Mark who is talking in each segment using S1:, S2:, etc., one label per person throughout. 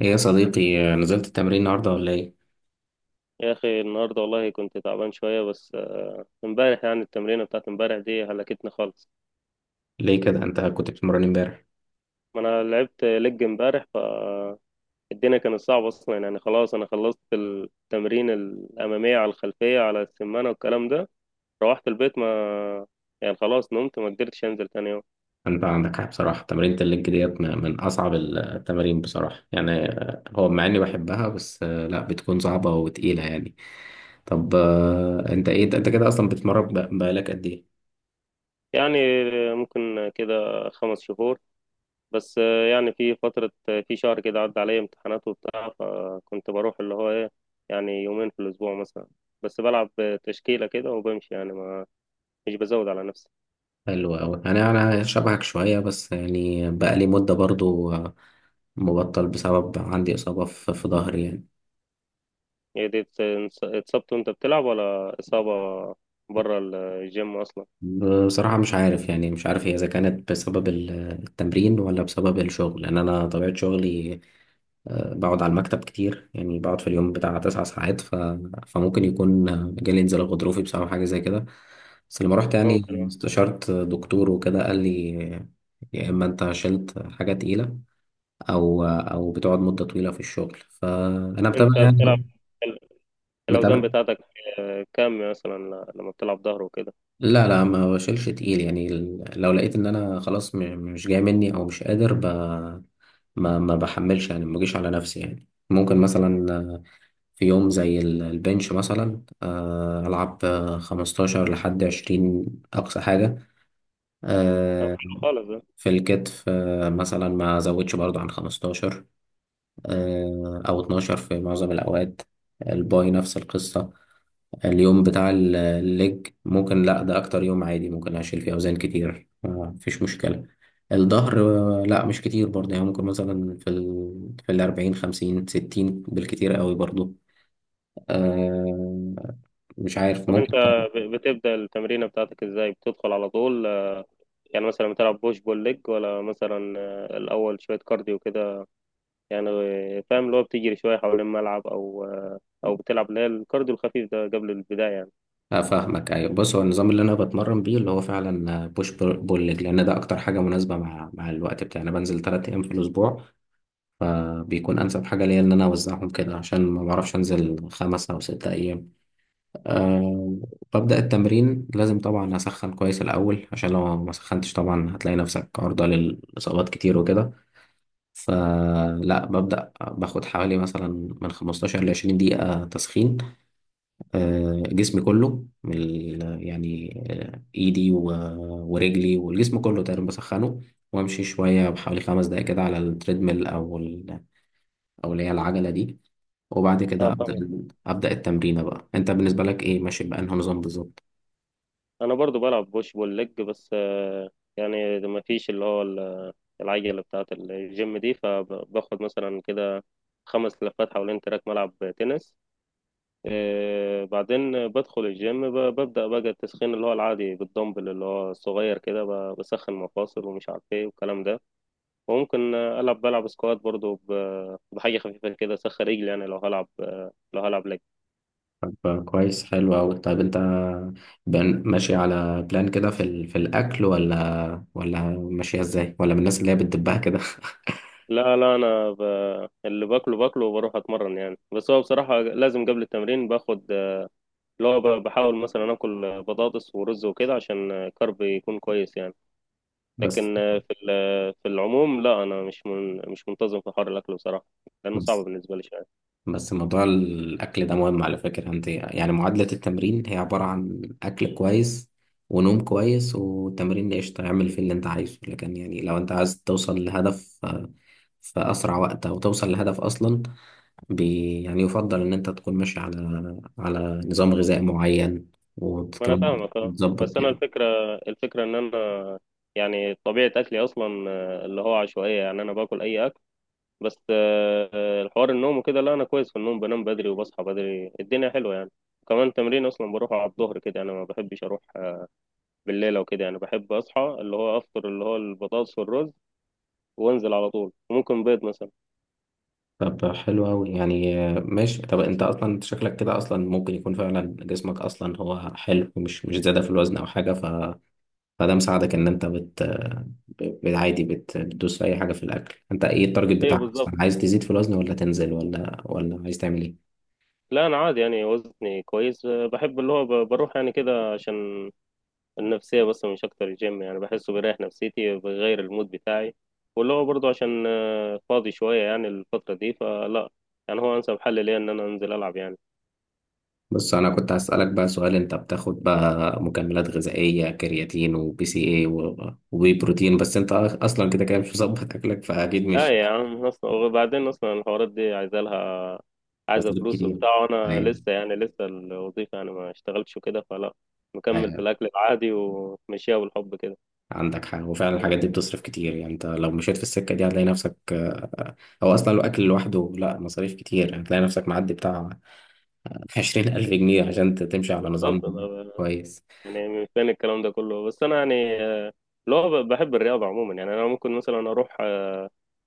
S1: ايه يا صديقي، نزلت التمرين النهارده ولا ايه؟
S2: يا اخي النهارده والله كنت تعبان شويه بس امبارح. يعني التمرينه بتاعت امبارح دي هلكتني خالص.
S1: ليه كده؟ انت كنت بتتمرن امبارح؟
S2: ما انا لعبت لج امبارح فالدنيا كانت صعبه اصلا يعني. خلاص انا خلصت التمرين الاماميه على الخلفيه على السمانه والكلام ده. روحت البيت ما يعني، خلاص نمت، ما قدرتش انزل تاني يوم.
S1: انت عندك حق بصراحة، تمرينة الليج ديت من اصعب التمارين بصراحة يعني. هو مع اني بحبها، بس لا، بتكون صعبة وتقيلة يعني. طب، انت ايه، انت كده اصلا بتتمرن بقالك قد ايه؟
S2: يعني ممكن كده 5 شهور، بس يعني في فترة، في شهر كده عدى عليا امتحانات وبتاع، فكنت بروح اللي هو ايه، يعني يومين في الأسبوع مثلا. بس بلعب تشكيلة كده وبمشي، يعني ما مش بزود على نفسي.
S1: حلو اوي. انا شبهك شوية، بس يعني بقالي مدة برضو، مبطل بسبب عندي اصابة في ظهري يعني.
S2: هي دي اتصبت وانت بتلعب، ولا إصابة بره الجيم أصلا؟
S1: بصراحة مش عارف يعني، مش عارف هي إذا كانت بسبب التمرين ولا بسبب الشغل، لأن أنا طبيعة شغلي بقعد على المكتب كتير، يعني بقعد في اليوم بتاع 9 ساعات، فممكن يكون جالي انزلاق غضروفي بسبب حاجة زي كده. بس لما رحت يعني
S2: ممكن اه.
S1: استشرت دكتور وكده، قال لي يا إما أنت شلت حاجة تقيلة، أو بتقعد مدة طويلة في الشغل، فأنا متابع
S2: انت بتلعب
S1: يعني.
S2: ال- الأوزان
S1: متابع.
S2: بتاعتك كام مثلا لما بتلعب ظهر وكده؟
S1: لا لا، ما بشيلش تقيل يعني. لو لقيت ان انا خلاص مش جاي مني او مش قادر، ما بحملش يعني، ما بجيش على نفسي يعني. ممكن مثلا في يوم زي البنش مثلا العب 15 لحد 20، اقصى حاجة.
S2: طب
S1: آه،
S2: حلو خالص ده.
S1: في الكتف مثلا ما ازودش برضو عن 15 أو 12 في معظم الأوقات. الباي نفس القصة. اليوم بتاع الليج ممكن لأ، ده أكتر يوم عادي ممكن أشيل فيه أوزان كتير مفيش مشكلة. الظهر لأ مش كتير برضه يعني، ممكن مثلا في ال في الأربعين خمسين ستين بالكتير قوي برضه آه، مش عارف
S2: طب انت
S1: ممكن.
S2: بتبدأ التمرينة بتاعتك ازاي، بتدخل على طول؟ يعني مثلا بتلعب بوش بول ليج، ولا مثلا الأول شوية كارديو كده، يعني فاهم اللي هو بتجري شوية حوالين الملعب أو أو بتلعب اللي هي الكارديو الخفيف ده قبل البداية يعني.
S1: افهمك، ايوه. بص، هو النظام اللي انا بتمرن بيه اللي هو فعلا بوش بول ليج، لان ده اكتر حاجه مناسبه مع الوقت بتاعي. انا بنزل 3 ايام في الاسبوع، فبيكون أنسب حاجة ليا إن أنا أوزعهم كده، عشان ما بعرفش أنزل 5 أو 6 أيام. أه. ببدأ التمرين، لازم طبعا أسخن كويس الأول، عشان لو ما سخنتش طبعا هتلاقي نفسك عرضة للإصابات كتير وكده. فلا، ببدأ باخد حوالي مثلا من 15 ل 20 دقيقة تسخين. أه، جسمي كله من يعني إيدي ورجلي والجسم كله تقريبا بسخنه، وامشي شويه بحوالي 5 دقايق كده على التريدميل او اللي هي العجله دي، وبعد كده
S2: اه
S1: أبدأ
S2: فاهم.
S1: أبدأ التمرين بقى. أنت بالنسبة لك إيه، ماشي بأنه نظام بالظبط؟
S2: أنا برضو بلعب بوش بول ليج، بس يعني ما فيش اللي هو العجلة بتاعة الجيم دي، فباخد مثلا كده 5 لفات حوالين تراك ملعب تنس. بعدين بدخل الجيم، ببدأ بقى التسخين اللي هو العادي بالدمبل اللي هو الصغير كده، بسخن مفاصل ومش عارف ايه والكلام ده. وممكن ألعب، بلعب سكوات برضو بحاجة خفيفة كده، أسخن رجلي، يعني لو هلعب لو هلعب لك.
S1: طب كويس، حلو أوي. طيب أنت ماشي على بلان كده في الأكل، ولا ماشية إزاي، ولا من الناس اللي هي بتدبها كده؟
S2: لا لا، أنا اللي باكله باكله وبروح أتمرن يعني. بس هو بصراحة لازم قبل التمرين باخد اللي هو بحاول مثلا آكل بطاطس ورز وكده، عشان كرب يكون كويس يعني.
S1: بس
S2: لكن آه، في ال- آه، في العموم لا، أنا مش منتظم في حوار الأكل بصراحة، لأنه صعب
S1: بس
S2: بالنسبة لي شوية.
S1: بس موضوع الأكل ده مهم على فكرة. أنت يعني معادلة التمرين هي عبارة عن أكل كويس ونوم كويس وتمرين. قشطة، اعمل فيه اللي أنت عايزه، لكن يعني لو أنت عايز توصل لهدف في أسرع وقت، أو توصل لهدف أصلا، يعني يفضل إن أنت تكون ماشي على نظام غذائي معين،
S2: ما أنا
S1: وكمان
S2: فاهمك آه. بس
S1: تظبط
S2: أنا
S1: يعني.
S2: الفكرة، إن أنا يعني طبيعة أكلي أصلا اللي هو عشوائية، يعني أنا باكل أي أكل. بس الحوار النوم وكده لا، انا كويس في النوم، بنام بدري وبصحى بدري، الدنيا حلوه يعني. كمان تمرين اصلا بروح على الظهر كده، انا ما بحبش اروح بالليل او كده يعني، بحب اصحى اللي هو افطر اللي هو البطاطس والرز وانزل على طول، وممكن بيض مثلا.
S1: طب حلو أوي يعني، ماشي. طب أنت أصلا شكلك كده أصلا، ممكن يكون فعلا جسمك أصلا هو حلو، مش زيادة في الوزن أو حاجة، فده مساعدك إن أنت عادي بتدوس في أي حاجة في الأكل. أنت إيه التارجت
S2: ايوه
S1: بتاعك أصلا،
S2: بالظبط.
S1: عايز تزيد في الوزن ولا تنزل، ولا عايز تعمل إيه؟
S2: لا انا عادي يعني، وزني كويس. بحب اللي هو بروح يعني كده عشان النفسيه بس، مش اكتر. الجيم يعني بحسه بيريح نفسيتي، بيغير المود بتاعي، واللي هو برضه عشان فاضي شويه يعني الفتره دي، فلا، يعني هو انسب حل ليا ان انا انزل العب يعني.
S1: بس انا كنت هسألك بقى سؤال، انت بتاخد بقى مكملات غذائية، كرياتين وبي سي اي وبي بروتين؟ بس انت اصلا كده كده مش مظبط اكلك، فاكيد مش
S2: لا يا عم، اصلا وبعدين اصلا الحوارات دي عايزه لها، عايزه
S1: هتصرف
S2: فلوس
S1: كتير.
S2: وبتاع، وانا
S1: ايوه،
S2: لسه، يعني لسه الوظيفه يعني ما اشتغلتش وكده، فلا، مكمل في
S1: ايوه.
S2: الاكل العادي ومشيها بالحب كده.
S1: عندك حاجة، وفعلا الحاجات دي بتصرف كتير يعني. انت لو مشيت في السكة دي هتلاقي نفسك، او اصلا لو اكل لوحده لا، مصاريف كتير، هتلاقي نفسك معدي بتاع 20,000 جنيه عشان تمشي على نظام
S2: بالظبط أنا
S1: كويس.
S2: يعني من فين الكلام ده كله. بس انا يعني اللي هو بحب الرياضه عموما، يعني انا ممكن مثلا اروح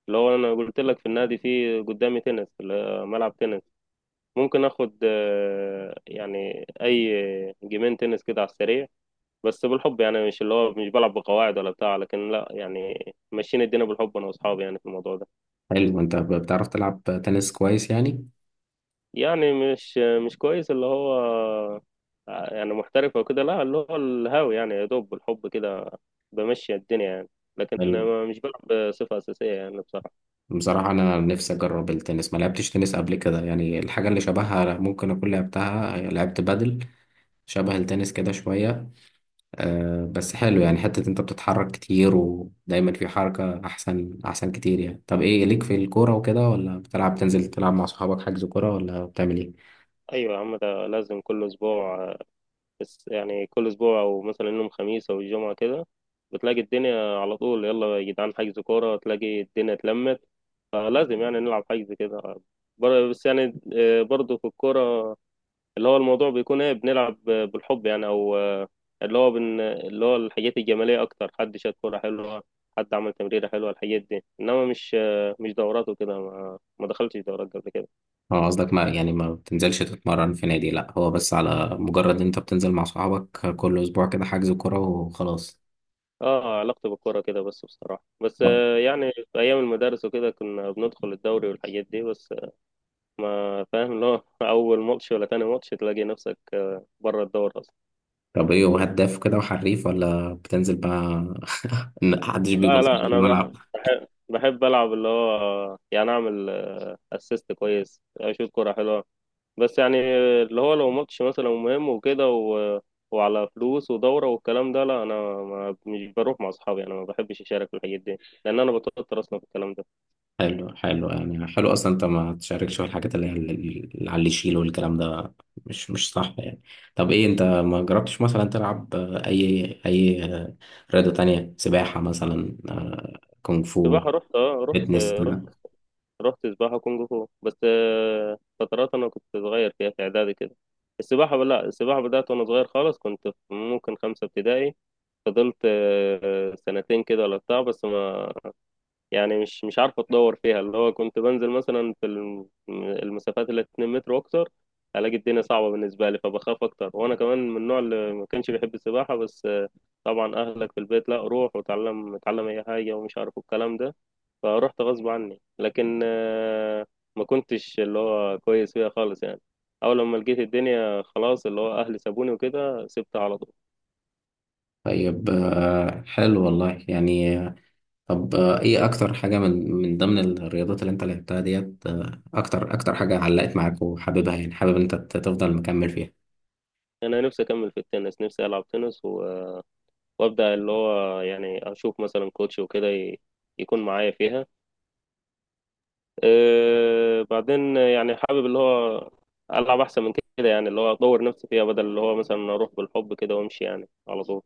S2: اللي هو انا قلت لك في النادي، في قدامي تنس اللي هو ملعب تنس، ممكن اخد يعني اي جيمين تنس كده على السريع، بس بالحب يعني، مش اللي هو مش بلعب بقواعد ولا بتاع، لكن لا يعني ماشيين الدنيا بالحب انا واصحابي يعني في الموضوع ده.
S1: حلو. انت بتعرف تلعب تنس كويس يعني؟
S2: يعني مش، كويس اللي هو يعني محترف او كده، لا، اللي هو الهاوي يعني، يا دوب بالحب كده بمشي الدنيا يعني. لكن
S1: حلو.
S2: مش بلعب بصفة أساسية يعني بصراحة.
S1: بصراحة أنا نفسي أجرب التنس، ما لعبتش تنس قبل كده يعني. الحاجة اللي شبهها ممكن أكون لعبتها، لعبت بادل شبه التنس كده شوية. أه، بس حلو يعني. حتة أنت بتتحرك كتير ودايما في حركة، أحسن أحسن كتير يعني. طب إيه ليك في الكورة وكده؟ ولا بتلعب، تنزل تلعب مع صحابك، حجز كورة، ولا بتعمل إيه؟
S2: أيوة يا عم، ده لازم كل أسبوع، بس يعني كل اسبوع او مثلا يوم خميس او الجمعة كده بتلاقي الدنيا على طول، يلا يا جدعان حجز كورة، تلاقي الدنيا اتلمت، فلازم يعني نلعب حجز كده. بس يعني برضه في الكورة اللي هو الموضوع بيكون ايه، بنلعب بالحب يعني او اللي هو الحاجات الجمالية اكتر، حد شاط كورة حلوة، حد عمل تمريرة حلوة، الحاجات دي، انما مش مش دورات وكده، ما ما دخلتش دورات قبل كده.
S1: أه، قصدك ما يعني ما بتنزلش تتمرن في نادي، لأ هو بس على مجرد أنت بتنزل مع صحابك كل أسبوع كده حجز كورة وخلاص.
S2: اه علاقتي بالكورة كده بس بصراحة. بس يعني في أيام المدارس وكده كنا بندخل الدوري والحاجات دي، بس ما فاهم اللي هو أول ماتش ولا تاني ماتش تلاقي نفسك بره الدوري أصلا.
S1: طب ايه، وهداف كده وحريف، ولا بتنزل بقى إن محدش
S2: لا
S1: بيبص لك
S2: لا،
S1: في
S2: أنا
S1: الملعب؟
S2: بحب، ألعب اللي هو يعني أعمل أسيست كويس، أشوط كورة حلوة. بس يعني اللي هو لو ماتش مثلا مهم وكده وعلى فلوس ودورة والكلام ده، لا أنا ما مش بروح مع أصحابي، أنا ما بحبش أشارك في الحاجات دي، لأن أنا بتوتر أصلا في الكلام ده.
S1: حلو، حلو يعني. حلو اصلا انت ما تشاركش في الحاجات اللي هي اللي على اللي يشيل والكلام ده، مش صح يعني. طب ايه، انت ما جربتش مثلا تلعب اي رياضة تانية؟ سباحة مثلا، كونغ فو،
S2: سباحة رحت رحت،
S1: فيتنس
S2: رحت
S1: كده؟
S2: سباحة كونغ فو، بس فترات أنا كنت صغير فيها في إعدادي كده. السباحة، لا، السباحة بدأت وأنا صغير خالص، كنت في ممكن خمسة ابتدائي، فضلت سنتين كده ولا بتاع، بس ما يعني مش عارف أتطور فيها، اللي هو كنت بنزل مثلا في المسافات اللي 2 متر وأكتر، ألاقي الدنيا صعبة بالنسبة لي فبخاف أكتر. وأنا كمان من النوع اللي ما كانش بيحب السباحة، بس طبعا أهلك في البيت لا، روح وتعلم، اتعلم أي حاجة ومش عارف الكلام ده، فروحت غصب عني، لكن ما كنتش اللي هو كويس فيها خالص يعني. اول لما لقيت الدنيا خلاص اللي هو اهلي سابوني وكده، سبتها على طول.
S1: طيب حلو والله يعني. طب ايه اكتر حاجة من ضمن الرياضات اللي انت لعبتها ديت، اكتر حاجة علقت معاك وحاببها يعني، حابب انت تفضل مكمل فيها؟
S2: انا نفسي اكمل في التنس، نفسي العب تنس وابدا اللي هو يعني اشوف مثلا كوتش وكده يكون معايا فيها. أه بعدين يعني حابب اللي هو العب احسن من كده يعني، اللي هو اطور نفسي فيها بدل اللي هو مثلا اروح بالحب كده وامشي يعني على طول.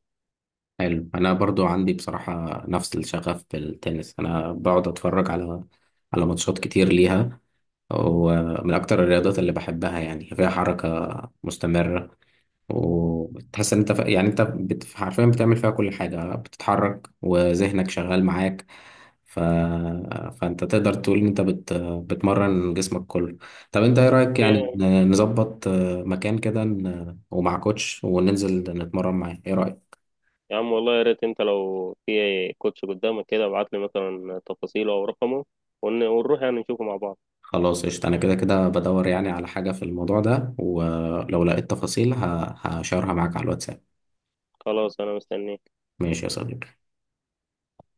S1: حلو. انا برضو عندي بصراحة نفس الشغف بالتنس، انا بقعد اتفرج على ماتشات كتير ليها، ومن اكتر الرياضات اللي بحبها يعني، فيها حركة مستمرة. وتحس ان انت، يعني انت حرفيا بتعمل فيها كل حاجة، بتتحرك وذهنك شغال معاك، ف... فانت تقدر تقول ان انت بتمرن جسمك كله. طب انت ايه رأيك يعني، نظبط مكان كده، ومع كوتش وننزل نتمرن معاه، ايه رأيك؟
S2: يا عم والله يا ريت انت لو في كوتش قدامك كده ابعت لي مثلا تفاصيله او رقمه، ونروح يعني نشوفه مع بعض.
S1: خلاص قشطة، انا كده كده بدور يعني على حاجة في الموضوع ده، ولو لقيت تفاصيل هشارها معاك على الواتساب.
S2: خلاص انا مستنيه.
S1: ماشي يا صديقي.